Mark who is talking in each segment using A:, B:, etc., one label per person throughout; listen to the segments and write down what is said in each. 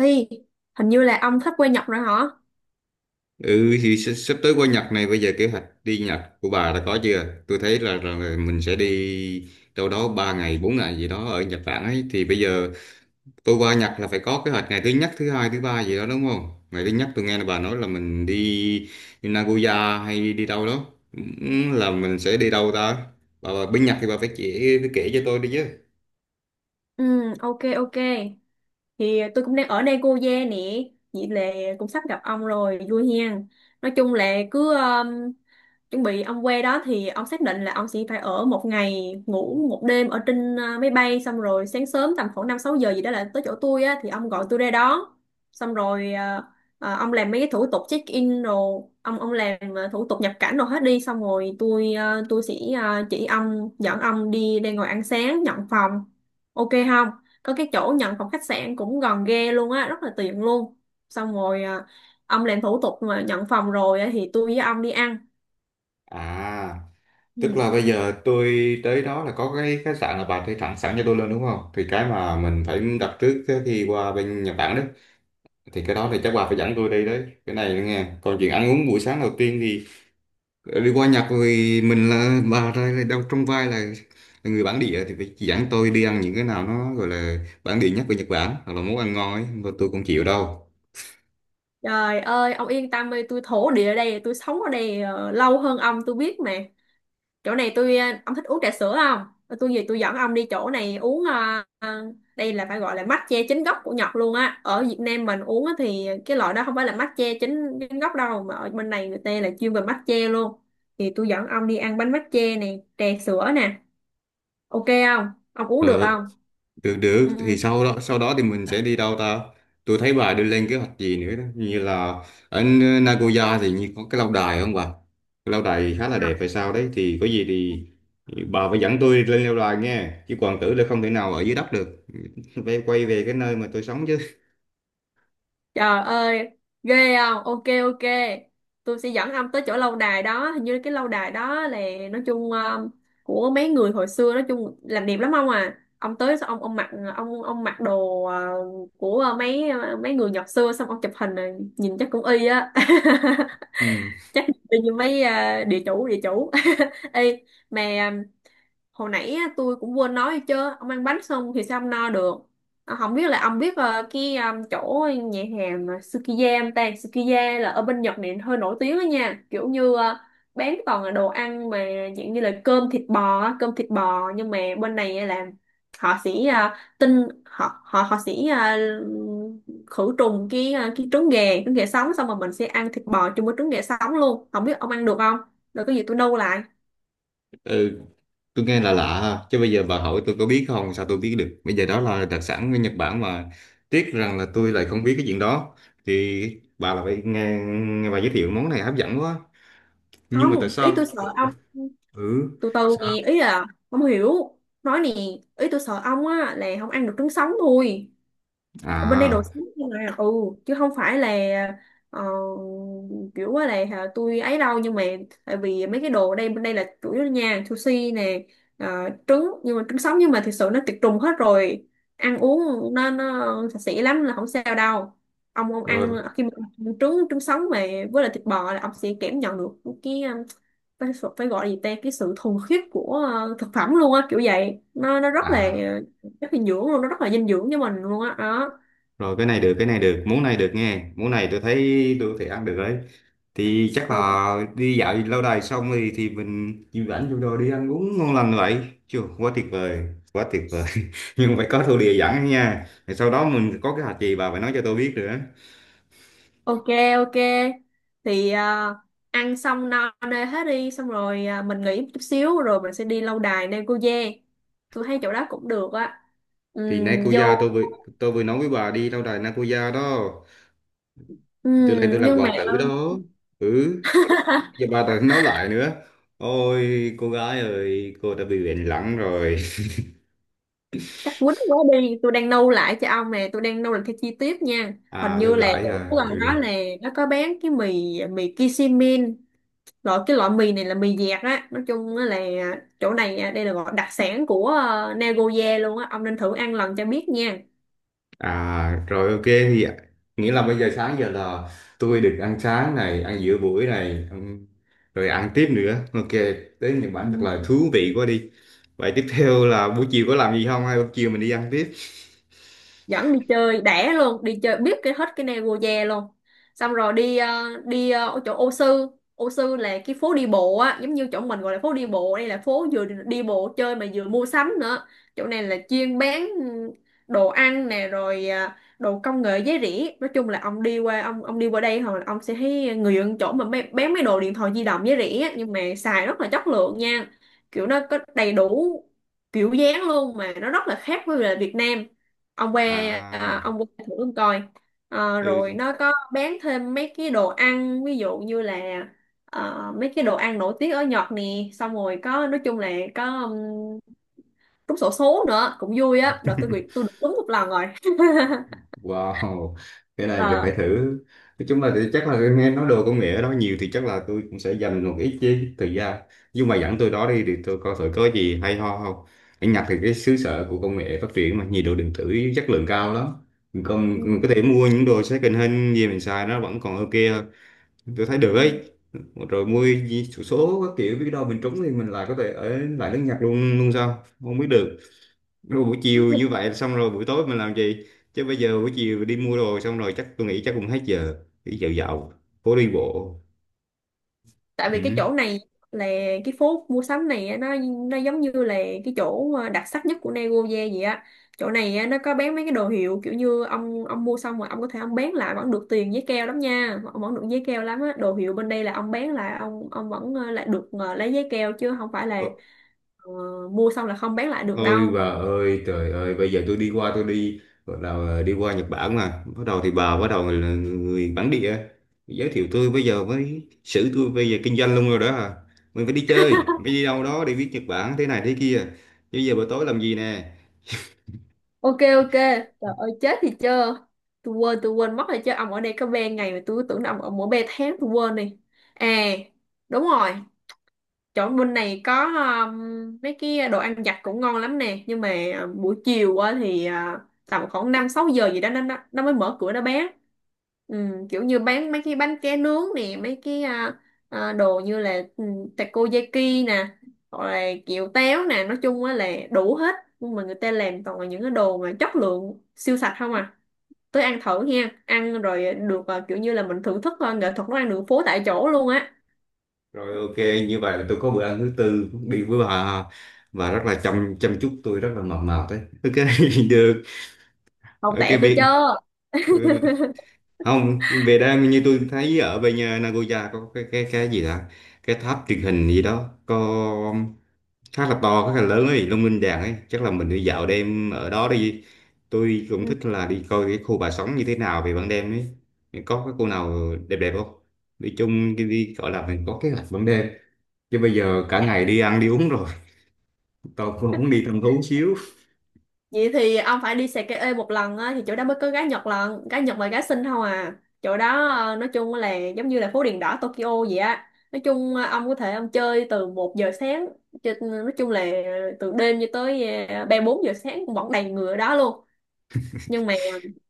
A: Hi, hình như là ông sắp quê Nhật rồi hả?
B: Sắp tới qua Nhật này, bây giờ kế hoạch đi Nhật của bà đã có chưa? Tôi thấy là mình sẽ đi đâu đó 3 ngày 4 ngày gì đó ở Nhật Bản ấy, thì bây giờ tôi qua Nhật là phải có kế hoạch ngày thứ nhất, thứ hai, thứ ba gì đó, đúng không? Ngày thứ nhất tôi nghe là bà nói là mình đi Nagoya hay đi đâu đó. Ừ, là mình sẽ đi đâu ta? Bà bên Nhật thì bà phải chỉ phải kể cho tôi đi chứ.
A: Ừ, ok ok. Thì tôi cũng đang ở đây cô gia nè, vậy là cũng sắp gặp ông rồi, vui hen. Nói chung là cứ chuẩn bị ông qua đó thì ông xác định là ông sẽ phải ở một ngày ngủ một đêm ở trên máy bay, xong rồi sáng sớm tầm khoảng 5, 6 giờ gì đó là tới chỗ tôi á, thì ông gọi tôi ra đó. Xong rồi ông làm mấy cái thủ tục check in rồi ông làm thủ tục nhập cảnh rồi hết đi, xong rồi tôi sẽ chỉ ông, dẫn ông đi ra ngồi ăn sáng, nhận phòng. Ok không? Có cái chỗ nhận phòng khách sạn cũng gần ghê luôn á, rất là tiện luôn. Xong rồi ông làm thủ tục mà nhận phòng rồi á, thì tôi với ông đi ăn.
B: À. Tức
A: Ừ.
B: là bây giờ tôi tới đó là có cái khách sạn là bà thuê thẳng sẵn cho tôi luôn, đúng không? Thì cái mà mình phải đặt trước cái khi qua bên Nhật Bản đấy. Thì cái đó thì chắc bà phải dẫn tôi đi đấy. Cái này nữa nghe. Còn chuyện ăn uống buổi sáng đầu tiên thì đi qua Nhật thì mình là bà ra là đâu trong vai là người bản địa thì phải chỉ dẫn tôi đi ăn những cái nào nó gọi là bản địa nhất của Nhật Bản hoặc là món ăn ngon ấy. Mà tôi cũng chịu đâu.
A: Trời ơi, ông yên tâm đi, tôi thổ địa ở đây, tôi sống ở đây lâu hơn ông, tôi biết mà. Chỗ này tôi ờ, ông thích uống trà sữa không? Tôi tôi dẫn ông đi chỗ này uống đây là phải gọi là matcha chính gốc của Nhật luôn á. Ở Việt Nam mình uống á thì cái loại đó không phải là matcha chính chính gốc đâu, mà ở bên này người ta là chuyên về matcha luôn. Thì tôi dẫn ông đi ăn bánh matcha nè, trà sữa nè. Ok không? Ông uống được
B: Rồi.
A: không?
B: Được được,
A: Ừ.
B: thì sau đó thì mình sẽ đi đâu ta? Tôi thấy bà đưa lên kế hoạch gì nữa đó, như là ở Nagoya thì như có cái lâu đài không bà? Cái lâu đài khá là đẹp hay sao đấy, thì có gì thì bà phải dẫn tôi lên lâu đài nghe, chứ còn tưởng là không thể nào ở dưới đất được. Phải quay về cái nơi mà tôi sống chứ.
A: Trời ơi, ghê không? Ok ok. Tôi sẽ dẫn ông tới chỗ lâu đài đó. Hình như cái lâu đài đó là, nói chung của mấy người hồi xưa, nói chung làm đẹp lắm ông à. Ông tới xong ông mặc, ông mặc đồ của mấy người Nhật xưa, xong ông chụp hình này, nhìn chắc cũng y á.
B: Ừ.
A: Chắc y như mấy địa chủ địa chủ. Ê, mà hồi nãy á, tôi cũng quên nói đi chứ, ông ăn bánh xong thì sao ông no được. Không biết là ông biết chỗ nhà hàng mà Sukiya không ta. Sukiya là ở bên Nhật này hơi nổi tiếng đó nha, kiểu như bán toàn là đồ ăn mà dạng như là cơm thịt bò á, cơm thịt bò. Nhưng mà bên này á là họ họ họ sẽ khử trùng cái trứng gà, trứng gà sống, xong rồi mình sẽ ăn thịt bò chung với trứng gà sống luôn. Không biết ông ăn được không, rồi có gì tôi nâu lại.
B: Ừ, tôi nghe là lạ ha. Chứ bây giờ bà hỏi tôi có biết không, sao tôi biết được. Bây giờ đó là đặc sản của Nhật Bản mà tiếc rằng là
A: Ừ.
B: tôi lại không biết cái chuyện đó. Thì bà là phải nghe bà giới thiệu món này hấp dẫn quá, nhưng mà tại
A: Không, ý tôi
B: sao.
A: sợ ông,
B: Ừ.
A: từ từ nè,
B: Sao?
A: ý là không hiểu, nói nè, ý tôi sợ ông á là không ăn được trứng sống thôi. Ở bên đây đồ
B: À,
A: sống nhưng mà ừ, chứ không phải là ờ, kiểu quá là hả, tôi ấy đâu. Nhưng mà tại vì mấy cái đồ ở đây, bên đây là chủ yếu nha, sushi nè, trứng, nhưng mà trứng sống nhưng mà thực sự nó tiệt trùng hết rồi, ăn uống nó sạch sẽ lắm, là không sao đâu. Ông ăn
B: rồi.
A: khi mà ăn trứng, trứng sống mà với lại thịt bò, là ông sẽ cảm nhận được cái phải, phải gọi là gì ta, cái sự thuần khiết của thực phẩm luôn á, kiểu vậy. Nó
B: À,
A: rất là dinh dưỡng luôn, nó rất là dinh dưỡng cho mình luôn á đó.
B: rồi. Cái này được, cái này được, món này được nghe, món này tôi thấy tôi có thể ăn được đấy. Thì chắc
A: Ừ,
B: là đi dạo lâu đài xong thì mình chịu rảnh vô đồ đi ăn uống ngon lành vậy, chưa, quá tuyệt vời, quá tuyệt vời. Nhưng phải có thổ địa dẫn nha, rồi sau đó mình có cái hạt gì bà phải nói cho tôi biết nữa.
A: ok ok. thì à, ăn xong no nê hết đi, xong rồi mình nghỉ một chút xíu rồi mình sẽ đi lâu đài Nam Cô Giang. Tôi thấy chỗ đó cũng được á.
B: Thì Nakuya,
A: Vô.
B: tôi vừa nói với bà đi lâu đài Nakuya đó, tôi lên
A: Ừm,
B: tôi làm
A: nhưng mà
B: hoàng tử đó. Ừ, giờ bà ta nói lại nữa. Ôi cô gái ơi, cô đã bị bệnh lẳng rồi.
A: chắc quýnh quá đi, tôi đang nâu lại cho ông nè, tôi đang nâu lại theo chi tiết nha. Hình
B: À,
A: như
B: lưu
A: là
B: lại.
A: chỗ
B: À,
A: gần đó
B: ừ.
A: là, nó có bán cái mì, mì Kishimin. Cái loại mì này là mì dẹt á, nói chung á là chỗ này đây là gọi đặc sản của Nagoya luôn á, ông nên thử ăn lần cho biết nha.
B: À, rồi ok thì ạ. Nghĩa là bây giờ sáng giờ là tôi được ăn sáng này, ăn giữa buổi này, rồi ăn tiếp nữa, ok. Tới Nhật Bản thật
A: Ừ.
B: là thú vị quá đi. Vậy tiếp theo là buổi chiều có làm gì không, hay buổi chiều mình đi ăn tiếp?
A: Dẫn đi chơi đẻ luôn, đi chơi biết cái hết cái Nagoya luôn, xong rồi đi ở chỗ ô sư. Ô sư là cái phố đi bộ á, giống như chỗ mình gọi là phố đi bộ, đây là phố vừa đi bộ chơi mà vừa mua sắm nữa. Chỗ này là chuyên bán đồ ăn nè, rồi đồ công nghệ giá rẻ. Nói chung là ông đi qua, ông đi qua đây hồi ông sẽ thấy người dân, chỗ mà bán mấy đồ điện thoại di động giá rẻ á, nhưng mà xài rất là chất lượng nha. Kiểu nó có đầy đủ kiểu dáng luôn, mà nó rất là khác với là Việt Nam. Ông qua
B: À.
A: ông qua thử ông coi. Ờ, rồi
B: Ừ.
A: nó có bán thêm mấy cái đồ ăn, ví dụ như là mấy cái đồ ăn nổi tiếng ở Nhật nè, xong rồi có, nói chung là có trúng xổ số nữa cũng vui á. Đợt tôi tôi được trúng một lần rồi.
B: Wow, cái này thì
A: Ờ,
B: phải thử. Nói chung là thì chắc là nghe nói đồ công nghệ đó nhiều thì chắc là tôi cũng sẽ dành một ít chứ thời gian. Nhưng mà dẫn tôi đó đi thì tôi coi thử có gì hay ho không. Ở Nhật thì cái xứ sở của công nghệ phát triển mà nhiều đồ điện tử chất lượng cao lắm. Còn mình có
A: ừ,
B: thể mua những đồ second hand gì mình xài nó vẫn còn ok hơn. Tôi thấy được
A: ừ.
B: ấy. Rồi số số các kiểu, biết đâu mình trúng thì mình lại có thể ở lại nước Nhật luôn luôn sao? Không biết được. Rồi buổi chiều như vậy xong rồi buổi tối mình làm gì, chứ bây giờ buổi chiều đi mua đồ xong rồi chắc tôi nghĩ chắc cũng hết giờ, đi dạo dạo phố đi bộ.
A: Tại vì cái
B: Ừ.
A: chỗ này là cái phố mua sắm này á, nó giống như là cái chỗ đặc sắc nhất của Nagoya vậy á. Chỗ này á, nó có bán mấy cái đồ hiệu, kiểu như ông mua xong rồi ông có thể ông bán lại vẫn được tiền giấy keo lắm nha, ông vẫn được giấy keo lắm á. Đồ hiệu bên đây là ông bán lại, ông vẫn lại được lấy giấy keo, chứ không phải là
B: Ờ,
A: ờ, mua xong là không bán lại được
B: ôi
A: đâu.
B: bà ơi trời ơi, bây giờ tôi đi gọi là đi qua Nhật Bản mà bắt đầu thì bà bắt đầu là người bản địa giới thiệu tôi, bây giờ mới xử tôi, bây giờ kinh doanh luôn rồi đó à, mình phải đi chơi phải đi đâu đó để biết Nhật Bản thế này thế kia, bây giờ buổi tối làm gì nè.
A: Ok ok, trời ơi, chết thì chưa, tôi quên mất rồi chứ. Ông ở đây có 3 ngày mà tôi cứ tưởng là ông ở mỗi 3 tháng, tôi quên đi. À, đúng rồi, chỗ bên này có mấy cái đồ ăn vặt cũng ngon lắm nè. Nhưng mà buổi chiều á thì tầm khoảng năm sáu giờ gì đó nó mới mở cửa, nó bán ừ, kiểu như bán mấy cái bánh ké nướng nè, mấy cái đồ như là takoyaki nè, hoặc là kiểu téo nè, nói chung á là đủ hết, nhưng mà người ta làm toàn là những cái đồ mà chất lượng siêu sạch không à. Tới ăn thử nha, ăn rồi được kiểu như là mình thưởng thức nghệ thuật nấu ăn đường phố tại chỗ luôn á.
B: Rồi, ok, như vậy là tôi có bữa ăn thứ tư đi với bà, và rất là chăm chăm chút tôi rất là mập mạp đấy. Ok, được.
A: Hậu
B: Ok
A: tệ tôi
B: việc.
A: chưa.
B: Ừ, không, về đây như tôi thấy ở bên nhà Nagoya có cái cái gì đó, cái tháp truyền hình gì đó, có khá là to, khá là lớn ấy, Long Linh Đàn ấy, chắc là mình đi dạo đêm ở đó đi. Tôi cũng thích là đi coi cái khu bà sống như thế nào về ban đêm ấy. Có cái cô nào đẹp đẹp không? Nói chung đi, đi gọi là mình có kế hoạch ban đêm, chứ bây giờ cả ngày
A: Ừ.
B: đi ăn đi uống rồi. Tôi cũng muốn đi thăm thú xíu.
A: Vậy thì ông phải đi Sake một lần á, thì chỗ đó mới có gái Nhật lần, gái Nhật và gái Sinh không à. Chỗ đó nói chung là giống như là phố đèn đỏ Tokyo vậy á. Nói chung ông có thể ông chơi từ 1 giờ sáng nói chung là từ đêm cho tới 3, 4 giờ sáng cũng vẫn đầy người ở đó luôn. Nhưng mà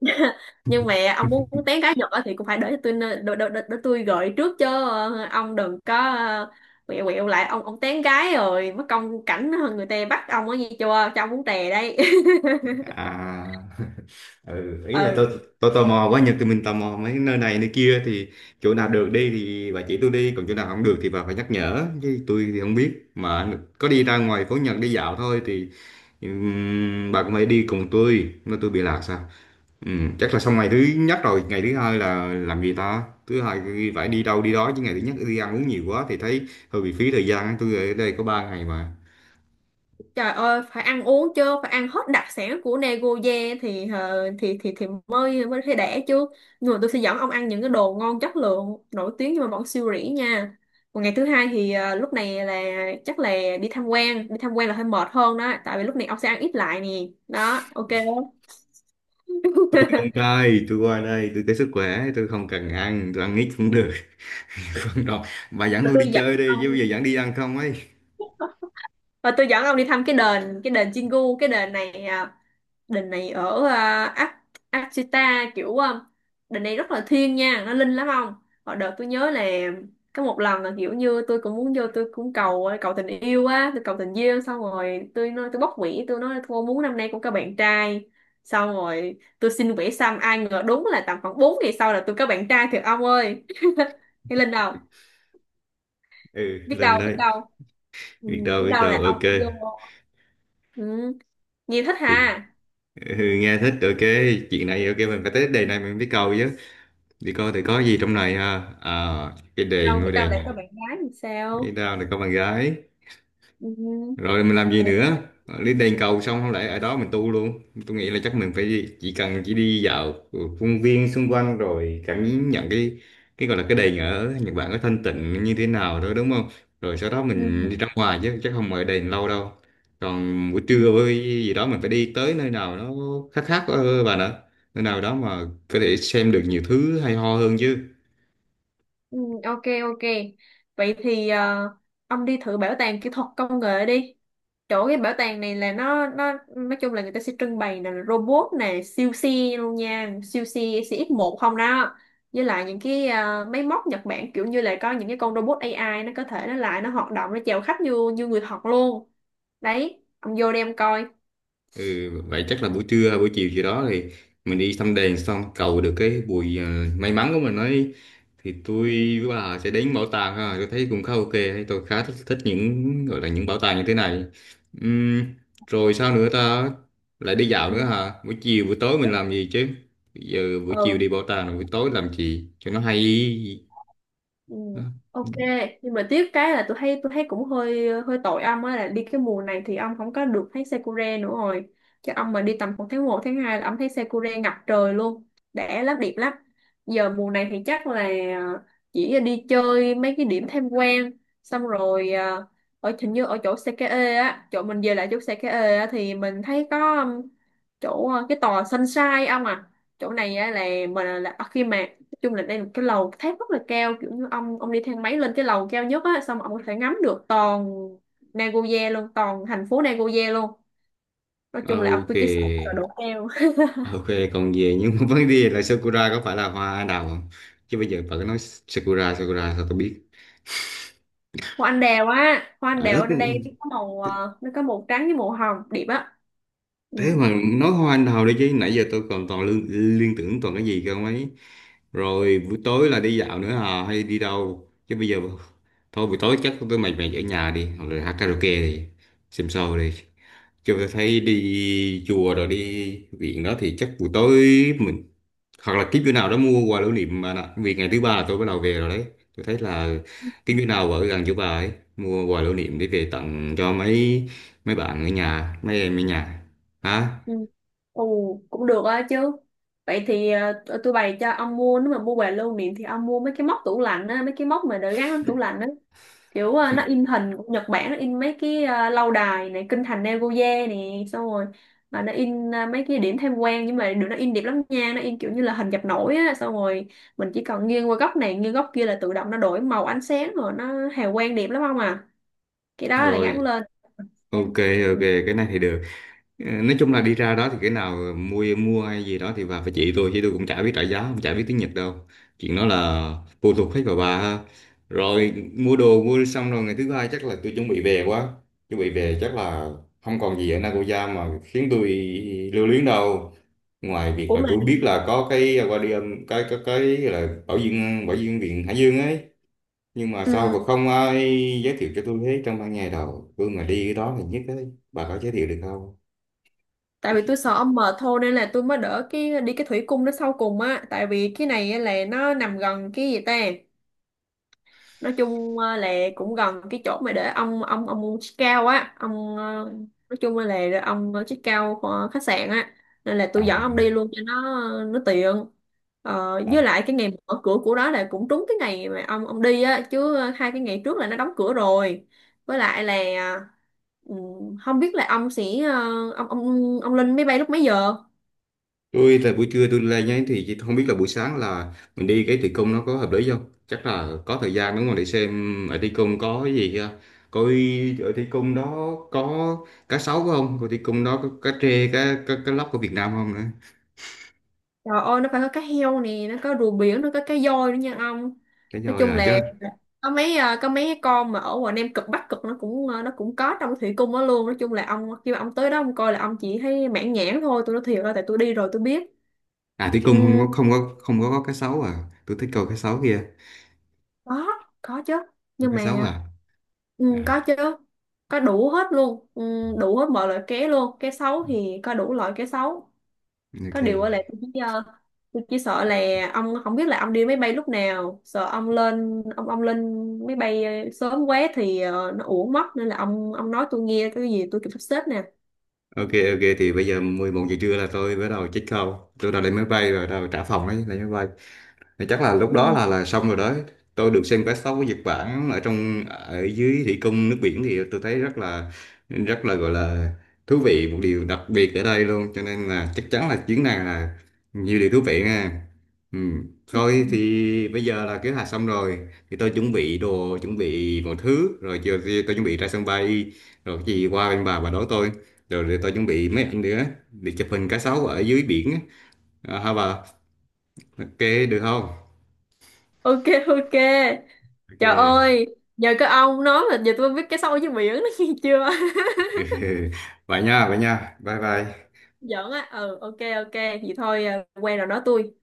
A: nhưng mà ông muốn tán gái Nhật á thì cũng phải để tôi gợi trước chứ. Ờ, ông đừng có quẹo quẹo lại, ông tán gái rồi mất công cảnh người ta bắt ông á, nghe chưa, cho ông muốn tè đây.
B: À. Ừ, ý là tôi
A: Ừ.
B: tôi tò mò quá, Nhật thì mình tò mò mấy nơi này nơi kia thì chỗ nào được đi thì bà chỉ tôi đi, còn chỗ nào không được thì bà phải nhắc nhở, chứ tôi thì không biết mà có đi ra ngoài phố Nhật đi dạo thôi thì bà cũng phải đi cùng tôi, nó tôi bị lạc sao. Chắc là xong ngày thứ nhất rồi, ngày thứ hai là làm gì ta, thứ hai phải đi đâu đi đó chứ, ngày thứ nhất đi ăn uống nhiều quá thì thấy hơi bị phí thời gian, tôi ở đây có 3 ngày mà.
A: Trời ơi, phải ăn uống chứ, phải ăn hết đặc sản của Nagoya thì thì mới mới thấy đẻ chứ. Nhưng mà tôi sẽ dẫn ông ăn những cái đồ ngon chất lượng, nổi tiếng nhưng mà vẫn siêu rỉ nha. Còn ngày thứ hai thì lúc này là, chắc là đi tham quan. Đi tham quan là hơi mệt hơn đó, tại vì lúc này ông sẽ ăn ít lại nè. Đó, ok. Không?
B: Tôi không chơi, tôi qua đây tôi tới sức khỏe, tôi không cần ăn, tôi ăn ít cũng được. Không đâu, bà dẫn tôi
A: Tôi
B: đi
A: dẫn
B: chơi đi chứ,
A: ông
B: bây giờ dẫn đi ăn không ấy.
A: tôi dẫn ông đi thăm cái đền Chingu. Cái đền này đền này ở Akita, kiểu đền này rất là thiêng nha, nó linh lắm ông. Hồi đợt tôi nhớ là có một lần là, kiểu như tôi cũng muốn vô, tôi cũng cầu cầu tình yêu á, tôi cầu tình duyên, xong rồi tôi nói, tôi bóc quỷ, tôi nói thôi muốn năm nay cũng có bạn trai, xong rồi tôi xin quỷ xăm, ai ngờ đúng là tầm khoảng 4 ngày sau là tôi có bạn trai thiệt ông ơi. Cái linh đâu,
B: Ừ,
A: biết
B: lên
A: đâu biết
B: đây,
A: đâu. Ừ,
B: biết đâu
A: biết
B: biết
A: đâu
B: đâu,
A: là ông
B: ok.
A: vô. Ừ. Nhi thích
B: Thì
A: ha.
B: ừ, nghe thích, ok, chuyện này ok, mình phải tới đề này mình biết cầu chứ, đi coi thì có gì trong này ha, à, cái đề
A: Đâu biết
B: ngôi
A: đâu
B: đề
A: lại có. Ồ.
B: nhà.
A: Bạn gái thì
B: Biết
A: sao.
B: đâu là có bạn gái.
A: Ừ.
B: Rồi mình làm gì
A: Rồi.
B: nữa? Lên đền cầu xong không lẽ ở đó mình tu luôn. Tôi nghĩ là chắc mình phải chỉ cần chỉ đi dạo công viên xung quanh rồi cảm nhận cái gọi là cái đền ở Nhật Bản có thanh tịnh như thế nào đó, đúng không? Rồi sau đó mình đi
A: Ừ.
B: ra ngoài chứ chắc không ở đền lâu đâu. Còn buổi
A: Ừ.
B: trưa với gì đó mình phải đi tới nơi nào nó khác khác, bà nữa, nơi nào đó mà có thể xem được nhiều thứ hay ho hơn chứ.
A: Ừ. Ok, ok, vậy thì ông đi thử bảo tàng kỹ thuật công nghệ đi. Chỗ cái bảo tàng này là nó nói chung là người ta sẽ trưng bày là robot nè, siêu xe luôn nha, siêu xe cx một không đó. Với lại những cái máy móc Nhật Bản, kiểu như là có những cái con robot AI nó có thể nó hoạt động, nó chào khách như như người thật luôn đấy. Ông vô đem coi.
B: Ừ, vậy chắc là buổi trưa buổi chiều gì đó thì mình đi thăm đền xong cầu được cái bùi may mắn của mình ấy, thì tôi với
A: Ừ.
B: bà sẽ đến bảo tàng ha, tôi thấy cũng khá ok đấy. Tôi khá thích những gọi là những bảo tàng như thế này. Ừm, rồi sao nữa ta, lại đi dạo
A: Ừ.
B: nữa hả, buổi chiều buổi tối mình làm gì chứ? Bây giờ buổi chiều
A: Ừ.
B: đi bảo tàng rồi buổi tối làm gì cho nó hay?
A: Ừ,
B: Đó.
A: ok. Nhưng mà tiếc cái là tôi thấy cũng hơi hơi tội ông á, là đi cái mùa này thì ông không có được thấy sakura nữa rồi, chứ ông mà đi tầm khoảng tháng một tháng 2 là ông thấy sakura ngập trời luôn, đẻ lắm, đẹp lắm. Giờ mùa này thì chắc là ờ, chỉ đi chơi mấy cái điểm tham quan, xong rồi ở hình như ở chỗ Sakae á, chỗ mình về lại chỗ Sakae á thì mình thấy có chỗ cái tòa Sunshine ông à. Chỗ này á là mình là khi mà chung là đây là một cái lầu tháp rất là cao, kiểu như ông đi thang máy lên cái lầu cao nhất á, xong ông có thể ngắm được toàn Nagoya luôn, toàn thành phố Nagoya luôn. Nói
B: Ờ,
A: chung là ông
B: ok.
A: tôi chỉ sợ sợ độ cao.
B: Ok, còn về nhưng mà vấn đề là Sakura có phải là hoa anh đào không? Chứ bây giờ bà cứ nói Sakura Sakura sao tôi biết?
A: Hoa anh đào á, hoa anh
B: À,
A: đào ở đây nó có màu nó có màu trắng với màu hồng đẹp á. Ừ.
B: thế mà nói hoa anh đào đi chứ, nãy giờ tôi còn toàn liên tưởng toàn cái gì cơ mấy. Rồi buổi tối là đi dạo nữa à hay đi đâu? Chứ bây giờ thôi buổi tối chắc tôi mệt mệt ở nhà đi, hoặc là hát karaoke đi, xem show đi. Kiểu tôi thấy đi chùa rồi đi viện đó thì chắc buổi tối mình hoặc là kiếm chỗ nào đó mua quà lưu niệm mà nè. Vì ngày thứ ba là tôi bắt đầu về rồi đấy. Tôi thấy là kiếm chỗ nào ở gần chỗ bà ấy mua quà lưu niệm để về tặng cho mấy mấy bạn ở nhà, mấy em ở nhà. Hả?
A: Ừ. Ồ, cũng được á chứ. Vậy thì tôi bày cho ông mua, nếu mà mua quà lưu niệm thì ông mua mấy cái móc tủ lạnh á, mấy cái móc mà để gắn trong tủ lạnh á, kiểu nó in hình của Nhật Bản, nó in mấy cái lâu đài này, kinh thành Nagoya nè, xong rồi mà nó in mấy cái điểm tham quan, nhưng mà được nó in đẹp lắm nha, nó in kiểu như là hình dập nổi á, xong rồi mình chỉ cần nghiêng qua góc này nghiêng góc kia là tự động nó đổi màu ánh sáng, rồi nó hào quang đẹp lắm không à. Cái đó là
B: Rồi,
A: gắn lên
B: ok.
A: em. Ừ.
B: Ok, cái này thì được. Ờ, nói chung là đi ra đó thì cái nào mua mua hay gì đó thì bà phải chỉ tôi, chứ tôi cũng chả biết trả giá cũng chả biết tiếng Nhật đâu, chuyện đó là phụ thuộc hết vào bà ha. Rồi mua đồ mua xong rồi ngày thứ hai chắc là tôi chuẩn bị về quá, chuẩn bị về chắc là không còn gì ở Nagoya mà khiến tôi lưu luyến đâu, ngoài việc
A: Ủa
B: là
A: mà
B: tôi biết là có cái aquarium cái cái là bảo dương, viện Hải Dương ấy, nhưng mà sao
A: ừ,
B: mà không ai giới thiệu cho tôi hết, trong ban ngày đầu tôi mà đi cái đó thì nhất ấy, bà có giới thiệu được không?
A: tại vì tôi sợ ông mệt thôi, nên là tôi mới đỡ cái đi cái thủy cung nó sau cùng á, tại vì cái này á là nó nằm gần cái gì ta, nói chung là cũng gần cái chỗ mà để ông chiếc cao á, ông nói chung là để ông chiếc cao của khách sạn á, nên là
B: À
A: tôi dẫn ông
B: à.
A: đi luôn cho nó tiện.
B: À,
A: Với lại cái ngày mở cửa của đó là cũng trúng cái ngày mà ông đi á, chứ hai cái ngày trước là nó đóng cửa rồi. Với lại là ừ, không biết là ông sẽ ờ, ông lên máy bay lúc mấy giờ.
B: tại buổi trưa tôi lên nhé, thì chỉ không biết là buổi sáng là mình đi cái thi công nó có hợp lý không, chắc là có thời gian đúng không để xem ở thi công có cái gì kia, coi ở thi công đó có cá sấu không, coi thi công đó có cá trê, cá cá, cá lóc của Việt Nam không nữa.
A: Trời ơi, nó phải có cá heo nè, nó có rùa biển, nó có cá voi nữa nha ông.
B: Cái
A: Nói
B: rồi
A: chung
B: à
A: là
B: chứ?
A: có mấy cái con mà ở ngoài Nam Cực Bắc Cực nó cũng nó cũng có trong thủy cung đó luôn. Nói chung là ông khi mà ông tới đó ông coi là ông chỉ thấy mãn nhãn thôi, tôi nói thiệt là tại tôi đi rồi tôi biết.
B: À, thi
A: Ừ,
B: công không có, cá sấu à, tôi thích coi cá sấu kia.
A: có, có chứ.
B: Có
A: Nhưng
B: cá sấu
A: mà
B: à?
A: ừ, có
B: À,
A: chứ. Có đủ hết luôn, ừ, đủ hết mọi loại cá luôn. Cá sấu thì có đủ loại cá sấu. Có
B: ok,
A: điều á là tôi chỉ sợ là ông không biết là ông đi máy bay lúc nào, sợ ông lên máy bay sớm quá thì nó uổng mất, nên là ông nói tôi nghe cái gì tôi kịp sắp xếp nè.
B: ok. Ok thì bây giờ 11 giờ trưa là tôi bắt đầu check out, tôi đã lên máy bay rồi, bắt đầu trả phòng đấy lên máy bay, thì chắc là lúc đó
A: Ừ.
B: là xong rồi đó. Tôi được xem quét sóc của Nhật Bản ở trong ở dưới thủy cung nước biển thì tôi thấy rất là gọi là thú vị, một điều đặc biệt ở đây luôn, cho nên là chắc chắn là chuyến này là nhiều điều thú vị nha. Ừ.
A: Ừ.
B: Thôi thì bây giờ là kế hoạch xong rồi, thì tôi chuẩn bị đồ chuẩn bị mọi thứ, rồi chiều thì tôi chuẩn bị ra sân bay, rồi cái gì qua bên bà đón tôi, rồi để tôi chuẩn bị mấy ảnh nữa để chụp hình cá sấu ở dưới biển á. À, hả bà? Ok, được không?
A: Ok, ok. Trời
B: Ok.
A: ơi, nhờ cái ông nói mà giờ tôi biết cái sâu với miệng, nó nghe chưa.
B: Vậy nha, vậy nha, bye bye.
A: Giỡn á. Ừ, ok, ok, vậy thôi. Ờ, Quen rồi nói tôi.